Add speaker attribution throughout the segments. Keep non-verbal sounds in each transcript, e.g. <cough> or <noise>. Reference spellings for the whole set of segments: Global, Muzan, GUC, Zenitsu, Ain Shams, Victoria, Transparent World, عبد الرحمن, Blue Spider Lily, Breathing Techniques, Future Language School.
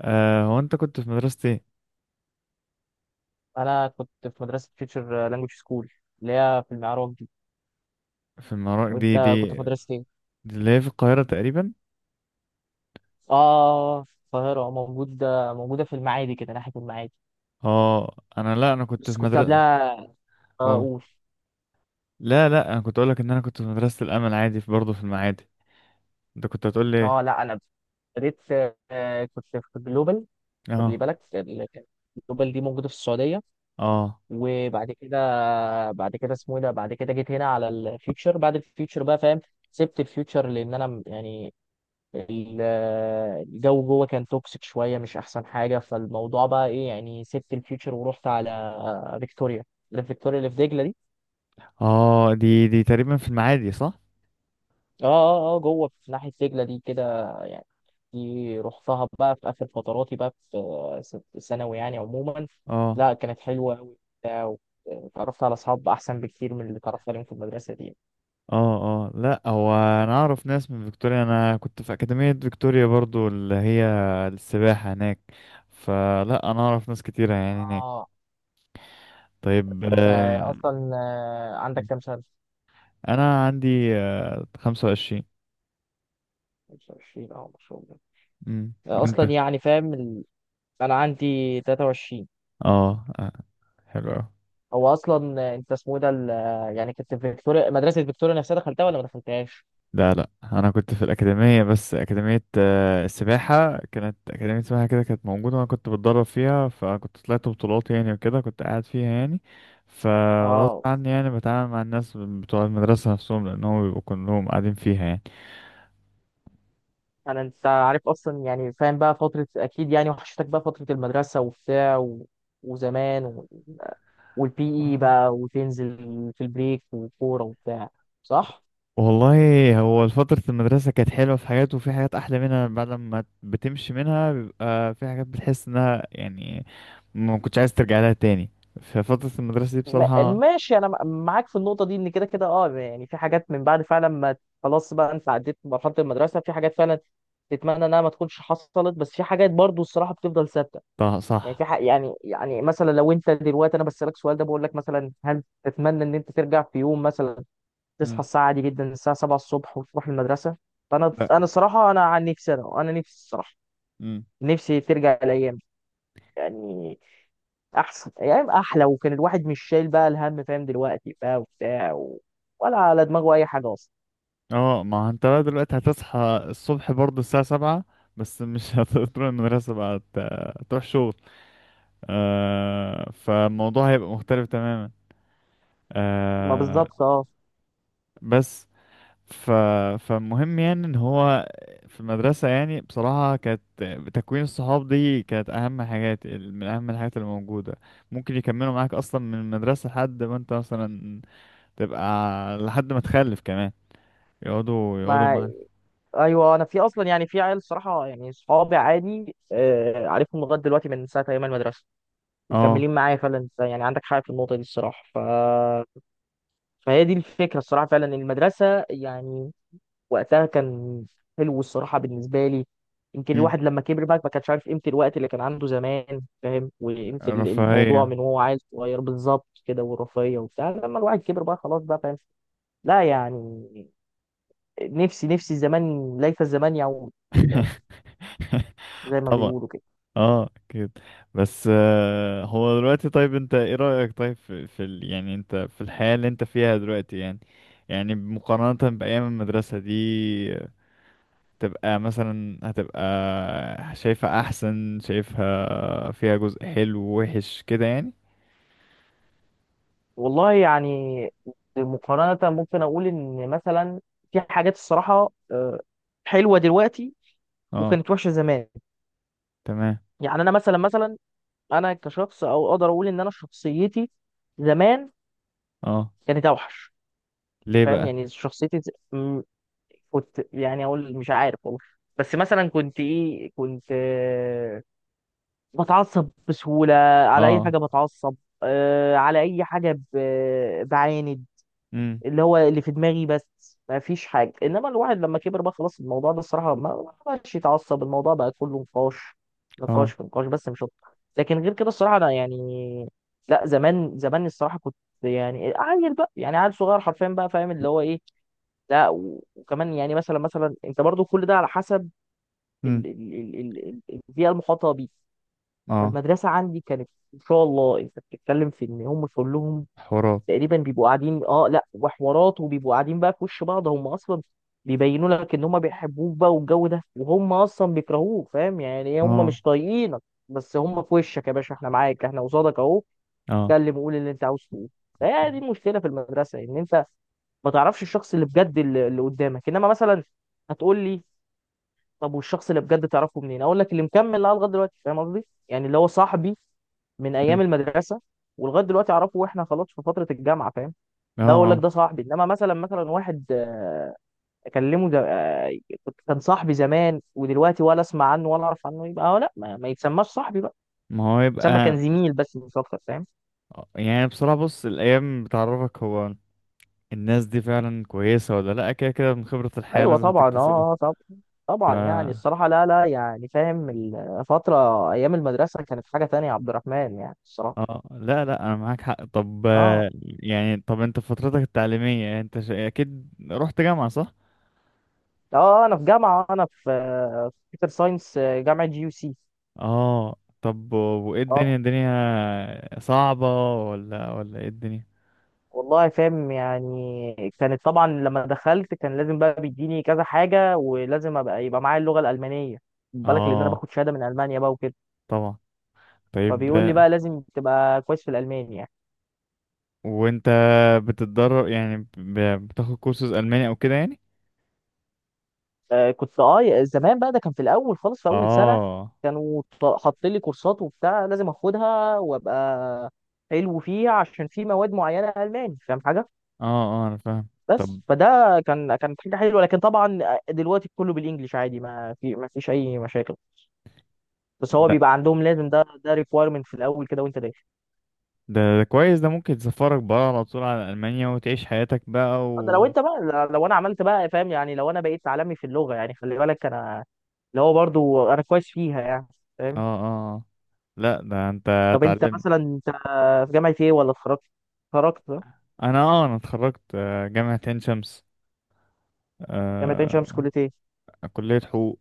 Speaker 1: هو انت كنت في مدرسة ايه؟
Speaker 2: انا كنت في مدرسه فيوتشر لانجوج سكول اللي هي في المعراج دي.
Speaker 1: في المراكش دي
Speaker 2: وانت كنت
Speaker 1: دي
Speaker 2: في مدرسه ايه؟
Speaker 1: دي اللي هي في القاهرة تقريبا.
Speaker 2: اه، في القاهره، موجوده في المعادي كده، ناحيه المعادي.
Speaker 1: اه، انا، لا، انا كنت
Speaker 2: بس
Speaker 1: في
Speaker 2: كنت
Speaker 1: مدرسة.
Speaker 2: قبلها
Speaker 1: هو.
Speaker 2: اقول،
Speaker 1: لا، لا، انا كنت اقولك ان انا كنت في مدرسة الامل عادي، في برضه في المعادي. انت كنت هتقول لي ايه؟
Speaker 2: اه لا انا بديت، كنت في جلوبال. خلي
Speaker 1: اه،
Speaker 2: بالك، جلوبال دي موجوده في السعوديه،
Speaker 1: اه،
Speaker 2: وبعد كده، بعد كده اسمه ايه ده، بعد كده جيت هنا على الفيوتشر بعد الفيوتشر بقى، فاهم؟ سبت الفيوتشر لان انا يعني ال- الجو جوه كان توكسيك شويه، مش احسن حاجه، فالموضوع بقى ايه يعني. سبت الفيوتشر ورحت على فيكتوريا، اللي في فيكتوريا اللي في دجله دي.
Speaker 1: اه، دي تقريبا في المعادي، صح؟
Speaker 2: اه اه اه، جوه في ناحيه دجله دي كده يعني. دي رحتها بقى في اخر فتراتي بقى في ثانوي يعني عموما.
Speaker 1: اه،
Speaker 2: لا كانت حلوه قوي، اتعرفت على اصحاب احسن بكتير من اللي اتعرفت عليهم في المدرسه دي.
Speaker 1: اه. اه، لا، هو انا اعرف ناس من فيكتوريا. انا كنت في اكاديمية فيكتوريا برضه، اللي هي السباحة هناك. فلا، انا اعرف ناس كتيرة يعني هناك.
Speaker 2: اه،
Speaker 1: طيب.
Speaker 2: انت اصلا عندك كام سنه؟
Speaker 1: انا عندي 25.
Speaker 2: 25، اه ما شاء الله،
Speaker 1: وانت؟
Speaker 2: اصلا يعني فاهم، انا عندي 23.
Speaker 1: اه. حلو اوي.
Speaker 2: هو اصلا انت اسمه ده يعني كنت في فيكتوريا، مدرسه فيكتوريا نفسها دخلتها ولا ما دخلتهاش؟
Speaker 1: لا، لا، انا كنت في الاكاديمية، بس اكاديمية السباحة كانت، اكاديمية السباحة كده كانت موجودة، وانا كنت بتدرب فيها، فكنت طلعت بطولات يعني وكده كنت قاعد فيها يعني. فغصب
Speaker 2: اه،
Speaker 1: عني، يعني بتعامل مع الناس بتوع المدرسة نفسهم لأنهم بيبقوا كلهم قاعدين فيها.
Speaker 2: انا انت عارف اصلا يعني، فاهم بقى فتره، اكيد يعني وحشتك بقى فتره المدرسه وبتاع وزمان والبي اي
Speaker 1: يعني
Speaker 2: بقى، وتنزل في البريك وكوره وبتاع، صح؟
Speaker 1: والله، هو فترة المدرسة كانت حلوة في حاجات، وفي حاجات أحلى منها بعد ما بتمشي منها، بيبقى في حاجات بتحس إنها يعني ما كنتش عايز ترجع لها تاني. ففترة المدرسة دي
Speaker 2: م...
Speaker 1: بصراحة.
Speaker 2: ماشي، انا معاك في النقطه دي، ان كده كده اه يعني في حاجات من بعد فعلا ما، خلاص بقى انت عديت مرحله المدرسه، في حاجات فعلا تتمنى انها ما تكونش حصلت، بس في حاجات برضو الصراحه بتفضل ثابته، يعني
Speaker 1: صح.
Speaker 2: في حق يعني. يعني مثلا لو انت دلوقتي، انا بسألك السؤال ده، بقول لك مثلا هل تتمنى ان انت ترجع في يوم مثلا تصحى
Speaker 1: مم.
Speaker 2: الساعة عادي جدا الساعة 7 الصبح وتروح المدرسة؟ فانا
Speaker 1: لا.
Speaker 2: انا الصراحة، انا عن نفسي، انا نفسي الصراحة،
Speaker 1: مم.
Speaker 2: نفسي ترجع الايام دي. يعني احسن ايام احلى، وكان الواحد مش شايل بقى الهم، فاهم؟ دلوقتي بقى وبتاع ولا على دماغه اي حاجه اصلا.
Speaker 1: اه، ما هو انت بقى دلوقتي هتصحى الصبح برضه الساعة 7، بس مش <laughs> هتروح المدرسة، بقى تروح شغل. فالموضوع هيبقى مختلف تماما.
Speaker 2: ما
Speaker 1: آه.
Speaker 2: بالظبط اه.
Speaker 1: بس ف... فالمهم يعني ان هو في المدرسة، يعني بصراحة كانت، تكوين الصحاب دي كانت اهم حاجات من اهم الحاجات اللي موجودة. ممكن يكملوا معاك اصلا من المدرسة لحد ما انت مثلا تبقى، لحد ما تخلف كمان، يقعدوا
Speaker 2: ما
Speaker 1: معاك.
Speaker 2: ايوه، انا في اصلا يعني في عيال صراحه يعني، صحابي عادي آه عارفهم لغايه دلوقتي من ساعه ايام المدرسه،
Speaker 1: اه.
Speaker 2: مكملين معايا فعلا. إنت يعني عندك حق في النقطه دي الصراحه. فهي دي الفكره الصراحه، فعلا المدرسه يعني وقتها كان حلو الصراحه بالنسبه لي. يمكن
Speaker 1: مم.
Speaker 2: الواحد لما كبر بقى ما كانش عارف قيمه الوقت اللي كان عنده زمان، فاهم؟ وقيمه الموضوع
Speaker 1: رفاهية.
Speaker 2: من وهو عيل صغير بالظبط كده، والرفاهيه وبتاع، لما الواحد كبر بقى خلاص بقى فاهم. لا يعني، نفسي زمان، ليت الزمان يعود، فاهم،
Speaker 1: <laughs>
Speaker 2: زي ما
Speaker 1: طبعا.
Speaker 2: بيقولوا كده.
Speaker 1: اه، اكيد. بس هو دلوقتي، طيب انت ايه رأيك؟ طيب في يعني انت في الحياة اللي انت فيها دلوقتي، يعني يعني مقارنة بأيام المدرسة دي، تبقى مثلا هتبقى شايفها أحسن؟ شايفها فيها جزء حلو ووحش كده يعني؟
Speaker 2: والله يعني مقارنة، ممكن أقول إن مثلا في حاجات الصراحة حلوة دلوقتي،
Speaker 1: اه،
Speaker 2: وكانت وحشة زمان.
Speaker 1: تمام.
Speaker 2: يعني أنا مثلا، مثلا أنا كشخص، أو أقدر أقول إن أنا شخصيتي زمان
Speaker 1: اه،
Speaker 2: كانت أوحش.
Speaker 1: ليه
Speaker 2: فاهم
Speaker 1: بقى؟
Speaker 2: يعني شخصيتي كنت يعني أقول مش عارف والله، بس مثلا كنت إيه، كنت بتعصب بسهولة، على أي
Speaker 1: اه.
Speaker 2: حاجة بتعصب، على أي حاجة بعاند،
Speaker 1: امم
Speaker 2: اللي هو اللي في دماغي بس، ما فيش حاجه. انما الواحد لما كبر بقى خلاص، الموضوع ده الصراحه ما بقاش يتعصب، الموضوع بقى كله نقاش، نقاش
Speaker 1: اه.
Speaker 2: في نقاش بس، مش اكتر. لكن غير كده الصراحه انا يعني لا، زمان الصراحه كنت يعني عيل بقى، يعني عيل صغير حرفيا بقى، فاهم اللي هو ايه. لا، وكمان يعني مثلا، مثلا انت برضو كل ده على حسب
Speaker 1: امم
Speaker 2: البيئه المحاطه بيك.
Speaker 1: اه،
Speaker 2: فالمدرسه عندي كانت ان شاء الله، انت بتتكلم في ان هم كلهم
Speaker 1: حوارات.
Speaker 2: تقريبا بيبقوا قاعدين، اه لا وحوارات، وبيبقوا قاعدين بقى في وش بعض، هم اصلا بيبينوا لك ان هم بيحبوك بقى والجو ده، وهم اصلا بيكرهوك، فاهم يعني هم
Speaker 1: اه،
Speaker 2: مش طايقينك، بس هم في وشك يا باشا، احنا معاك احنا قصادك اهو،
Speaker 1: اه.
Speaker 2: اتكلم قول اللي انت عاوز تقوله. فهي دي المشكله في المدرسه، ان انت ما تعرفش الشخص اللي بجد اللي قدامك. انما مثلا هتقول لي طب والشخص اللي بجد تعرفه منين؟ اقول لك اللي مكمل معاه لغايه دلوقتي، فاهم قصدي يعني، اللي هو صاحبي من ايام
Speaker 1: مم.
Speaker 2: المدرسه ولغايه دلوقتي اعرفه، واحنا خلاص في فتره الجامعه، فاهم؟
Speaker 1: اه،
Speaker 2: ده اقول لك
Speaker 1: اه.
Speaker 2: ده صاحبي. انما مثلا، مثلا واحد اكلمه ده، كان صاحبي زمان ودلوقتي ولا اسمع عنه ولا اعرف عنه، يبقى لا ما يتسماش صاحبي بقى،
Speaker 1: ما هو
Speaker 2: يتسمى
Speaker 1: يبقى.
Speaker 2: كان زميل بس، مش اكتر فاهم.
Speaker 1: يعني بصراحة، بص، الأيام بتعرفك هو الناس دي فعلا كويسة ولا لأ. كده كده من خبرة الحياة
Speaker 2: ايوه
Speaker 1: لازم
Speaker 2: طبعا
Speaker 1: تكتسبها.
Speaker 2: اه طبعا،
Speaker 1: ف
Speaker 2: طبعا يعني الصراحه لا لا يعني فاهم. الفتره ايام المدرسه كانت حاجه تانية يا عبد الرحمن، يعني الصراحه.
Speaker 1: اه، لا، لا، أنا معاك حق. طب،
Speaker 2: اه
Speaker 1: يعني طب أنت في فترتك التعليمية أنت أكيد رحت جامعة، صح؟
Speaker 2: اه، انا في جامعه، انا في في كمبيوتر ساينس، جامعه جي يو سي.
Speaker 1: اه. طب، وإيه
Speaker 2: اه
Speaker 1: الدنيا صعبة ولا إيه الدنيا؟
Speaker 2: والله، فاهم يعني كانت، طبعا لما دخلت كان لازم بقى بيديني كذا حاجه، ولازم ابقى يبقى معايا اللغه الالمانيه، خد بالك، لان انا
Speaker 1: اه،
Speaker 2: باخد شهاده من المانيا بقى وكده.
Speaker 1: طبعا. طيب.
Speaker 2: فبيقول لي بقى لازم تبقى كويس في الالماني يعني.
Speaker 1: وأنت بتتدرب، يعني بتاخد كورسز ألماني أو كده يعني؟
Speaker 2: آه كنت اه زمان بقى، ده كان في الاول خالص في اول سنه،
Speaker 1: اه
Speaker 2: كانوا حاطين لي كورسات وبتاع لازم اخدها، وابقى حلو فيها، عشان في مواد معينه الماني، فاهم حاجه.
Speaker 1: اه، اه، أنا فاهم. طب،
Speaker 2: بس فده كان، كانت حاجه حلوه. لكن طبعا دلوقتي كله بالانجلش عادي، ما فيش اي مشاكل، بس هو
Speaker 1: لا
Speaker 2: بيبقى عندهم لازم، ده ده ريكويرمنت في الاول كده وانت داخل.
Speaker 1: ده كويس، ده ممكن تسفرك بقى على طول على ألمانيا وتعيش حياتك بقى
Speaker 2: ده لو
Speaker 1: و
Speaker 2: انت بقى، لو انا عملت بقى، فاهم يعني لو انا بقيت عالمي في اللغه يعني، خلي بالك انا اللي هو برضو انا كويس فيها يعني،
Speaker 1: اه،
Speaker 2: فاهم.
Speaker 1: اه، آه. لا، ده انت
Speaker 2: طب انت
Speaker 1: اتعلمت.
Speaker 2: مثلا، انت في جامعه ايه، ولا اتخرجت؟ اتخرجت اه؟
Speaker 1: انا اتخرجت جامعة عين شمس.
Speaker 2: جامعه عين شمس،
Speaker 1: آه.
Speaker 2: كليه ايه؟
Speaker 1: كلية حقوق.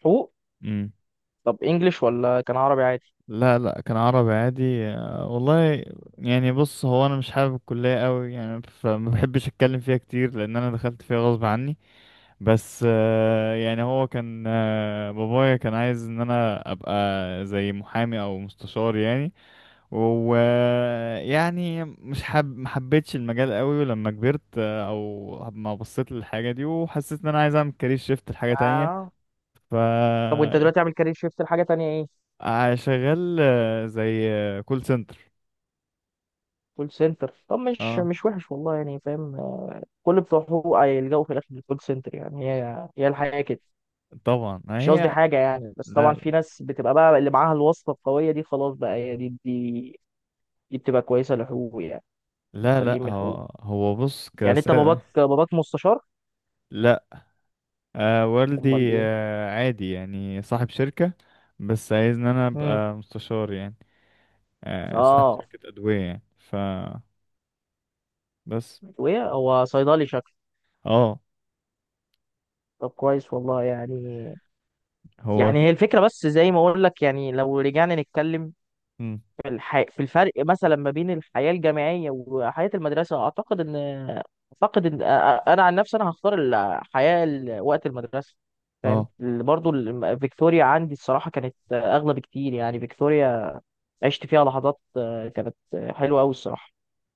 Speaker 2: حقوق.
Speaker 1: مم.
Speaker 2: طب انجلش ولا كان عربي عادي؟
Speaker 1: لا، لا، كان عربي عادي. آه والله. يعني بص، هو انا مش حابب الكلية قوي يعني، فما بحبش اتكلم فيها كتير لان انا دخلت فيها غصب عني. بس يعني هو كان بابايا كان عايز ان انا ابقى زي محامي او مستشار يعني. ويعني مش حب ما حبيتش المجال قوي، ولما كبرت او ما بصيت للحاجه دي وحسيت ان انا عايز اعمل كارير شيفت لحاجه تانية.
Speaker 2: آه.
Speaker 1: ف
Speaker 2: طب وانت دلوقتي عامل كارير شيفت لحاجه تانية ايه؟
Speaker 1: شغال زي كول سنتر.
Speaker 2: كول سنتر. طب مش
Speaker 1: اه،
Speaker 2: مش وحش والله يعني فاهم، كل بتوعه هيلجأوا في الاخر للكول سنتر يعني، هي هي الحقيقه كده.
Speaker 1: طبعا ما
Speaker 2: مش قصدي
Speaker 1: هي.
Speaker 2: حاجه يعني، بس طبعا
Speaker 1: لا،
Speaker 2: في ناس بتبقى بقى، اللي معاها الواسطه القويه دي خلاص بقى، هي دي دي، دي بتبقى كويسه لحقوق يعني، اللي
Speaker 1: لا، لا،
Speaker 2: خارجين من حقوق.
Speaker 1: هو بص
Speaker 2: يعني
Speaker 1: كس.
Speaker 2: انت باباك، باباك مستشار؟
Speaker 1: لا. آه، والدي.
Speaker 2: امال ايه؟
Speaker 1: آه، عادي، يعني صاحب شركة، بس عايز ان انا
Speaker 2: امم،
Speaker 1: ابقى مستشار يعني. آه، صاحب
Speaker 2: اه.
Speaker 1: شركة ادوية يعني بس.
Speaker 2: وايه، هو صيدلي شكله؟
Speaker 1: اه،
Speaker 2: طب كويس والله يعني.
Speaker 1: هو.
Speaker 2: يعني هي الفكره، بس زي ما اقول لك يعني، لو رجعنا نتكلم
Speaker 1: مم.
Speaker 2: في في الفرق مثلا ما بين الحياة الجامعية وحياة المدرسة، أعتقد إن، أعتقد إن أنا عن نفسي أنا هختار الحياة وقت المدرسة، فاهم.
Speaker 1: اه،
Speaker 2: برضو فيكتوريا عندي الصراحة كانت أغلى بكتير، يعني فيكتوريا عشت فيها لحظات كانت حلوة أوي الصراحة.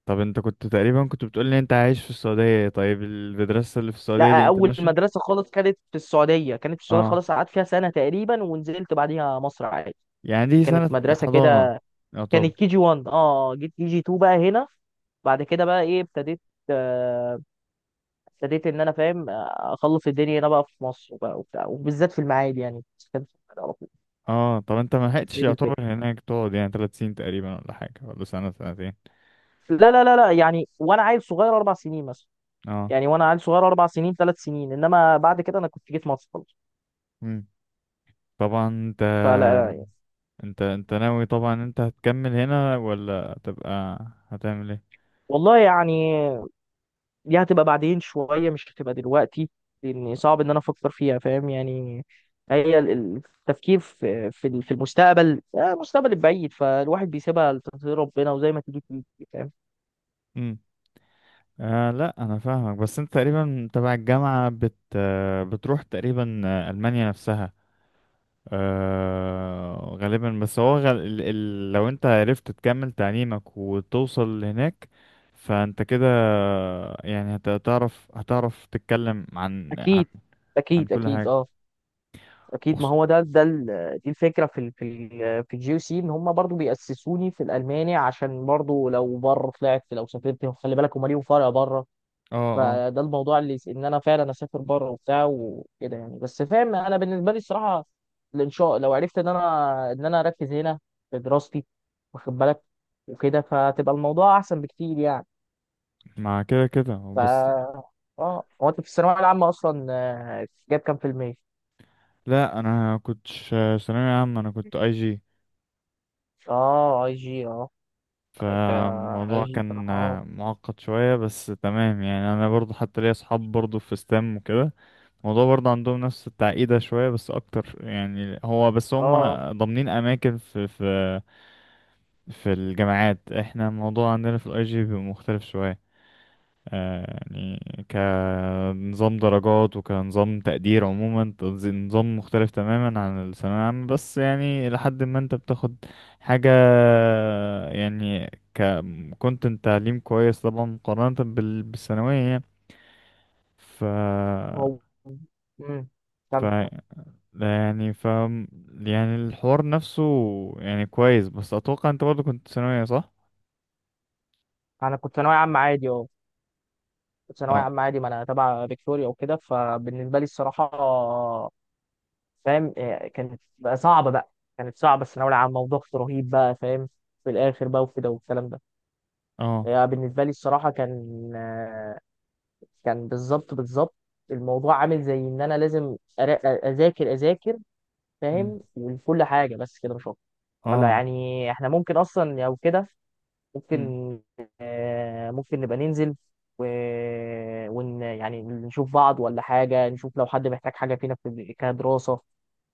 Speaker 1: طب انت كنت تقريبا كنت بتقول لي انت عايش في السعودية، طيب المدرسة اللي في السعودية دي
Speaker 2: لا، أول
Speaker 1: انترناشونال؟
Speaker 2: مدرسة خالص كانت في السعودية، كانت في السعودية
Speaker 1: اه.
Speaker 2: خالص، قعدت فيها سنة تقريبا، ونزلت بعديها مصر عادي.
Speaker 1: يعني دي سنة
Speaker 2: كانت مدرسة
Speaker 1: حضانة
Speaker 2: كده، كانت
Speaker 1: يعتبر.
Speaker 2: كي جي 1، اه جيت كي جي 2 بقى هنا. بعد كده بقى ايه ابتديت، آه، ابتديت ان انا، فاهم، اخلص الدنيا هنا بقى في مصر بقى وبتاع، وبالذات في المعادي يعني، بس كان في المعادي على طول.
Speaker 1: اه، طب انت ما لحقتش
Speaker 2: هي دي
Speaker 1: يعتبر
Speaker 2: الفكره،
Speaker 1: هناك تقعد يعني 3 سنين تقريبا ولا حاجة، ولا سنة سنتين.
Speaker 2: لا يعني وانا عيل صغير اربع سنين مثلا.
Speaker 1: اه.
Speaker 2: يعني وانا عيل صغير اربع سنين، ثلاث سنين، انما بعد كده انا كنت جيت مصر خلاص.
Speaker 1: مم. طبعا. انت،
Speaker 2: فلا يعني.
Speaker 1: انت ناوي، طبعا انت هتكمل هنا ولا هتبقى، هتعمل ايه؟
Speaker 2: والله يعني دي هتبقى بعدين شويه، مش هتبقى دلوقتي، لان صعب ان انا افكر فيها، فاهم يعني. هي التفكير في المستقبل، المستقبل البعيد، فالواحد بيسيبها لتقدير ربنا، وزي ما تيجي تيجي، فاهم.
Speaker 1: امم آه، لا انا فاهمك، بس انت تقريبا تبع الجامعة بت آه، بتروح تقريبا المانيا نفسها. آه غالبا. بس هو لو انت عرفت تكمل تعليمك وتوصل هناك، فانت كده يعني هتعرف تتكلم عن
Speaker 2: اكيد،
Speaker 1: عن
Speaker 2: اكيد
Speaker 1: كل
Speaker 2: اكيد
Speaker 1: حاجة.
Speaker 2: اه. اكيد، ما
Speaker 1: وخص-
Speaker 2: هو ده ده دي الفكره في ال في ال في الجي سي، ان هم برضو بيأسسوني في الالماني، عشان برضو لو بره طلعت، لو سافرت، خلي بالك هم ليهم فرق بره.
Speaker 1: اه، اه،
Speaker 2: فده الموضوع اللي ان انا فعلا اسافر بره وبتاع وكده يعني. بس فاهم، انا بالنسبه لي الصراحه، الانشاء لو عرفت ان انا، ان انا اركز هنا في دراستي، واخد بالك وكده، فتبقى الموضوع احسن بكتير يعني.
Speaker 1: مع كده كده بس.
Speaker 2: ف، اه هو انت في الثانويه العامه اصلا جاب كام في المية؟
Speaker 1: لا، انا كنتش ثانوية عامة، انا كنت IG.
Speaker 2: اه اي جي اه. انت
Speaker 1: فالموضوع
Speaker 2: عايش
Speaker 1: كان
Speaker 2: بصراحة اه.
Speaker 1: معقد شوية، بس تمام. يعني انا برضو حتى ليا اصحاب برضو في ستام وكده، الموضوع برضو عندهم نفس التعقيدة شوية بس اكتر، يعني هو بس هم
Speaker 2: اه
Speaker 1: ضامنين اماكن في في الجامعات. احنا الموضوع عندنا في الاي جي بيبقى مختلف شوية، آه، يعني كنظام درجات وكنظام تقدير عموما، نظام مختلف تماما عن الثانوية العامة، بس يعني لحد ما انت بتاخد حاجة، يعني كنت انت تعليم كويس طبعا مقارنة بالثانوية يعني. ف
Speaker 2: هو امم،
Speaker 1: ف
Speaker 2: كم.
Speaker 1: يعني يعني الحوار نفسه يعني كويس، بس اتوقع انت برضه كنت ثانوية، صح؟
Speaker 2: انا كنت ثانوية عامة عادي اه، كنت ثانوية
Speaker 1: اه،
Speaker 2: عامة عادي، ما انا تبع فيكتوريا وكده، فبالنسبة لي الصراحة، فاهم إيه، كانت بقى صعبة بقى، كانت صعبة الثانوية العامة، وضغط رهيب بقى، فاهم، في الآخر بقى وكده والكلام ده.
Speaker 1: اه.
Speaker 2: يعني بالنسبة لي الصراحة كان كان، بالظبط الموضوع عامل زي ان انا لازم اذاكر، اذاكر،
Speaker 1: مم.
Speaker 2: فاهم، وكل حاجة بس كده، مش اكتر. ولا
Speaker 1: اه.
Speaker 2: يعني احنا ممكن اصلا، او كده
Speaker 1: مم.
Speaker 2: ممكن، ممكن نبقى ننزل و... ون يعني نشوف بعض، ولا حاجة نشوف لو حد محتاج حاجة فينا في كدراسة،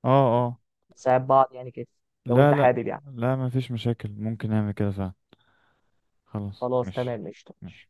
Speaker 1: اه،
Speaker 2: نساعد بعض يعني كده، لو
Speaker 1: لا،
Speaker 2: انت
Speaker 1: لا.
Speaker 2: حابب يعني.
Speaker 1: لا، ما فيش مشاكل، ممكن نعمل كده فعلا. خلاص،
Speaker 2: خلاص
Speaker 1: مش
Speaker 2: تمام قشطة.
Speaker 1: مش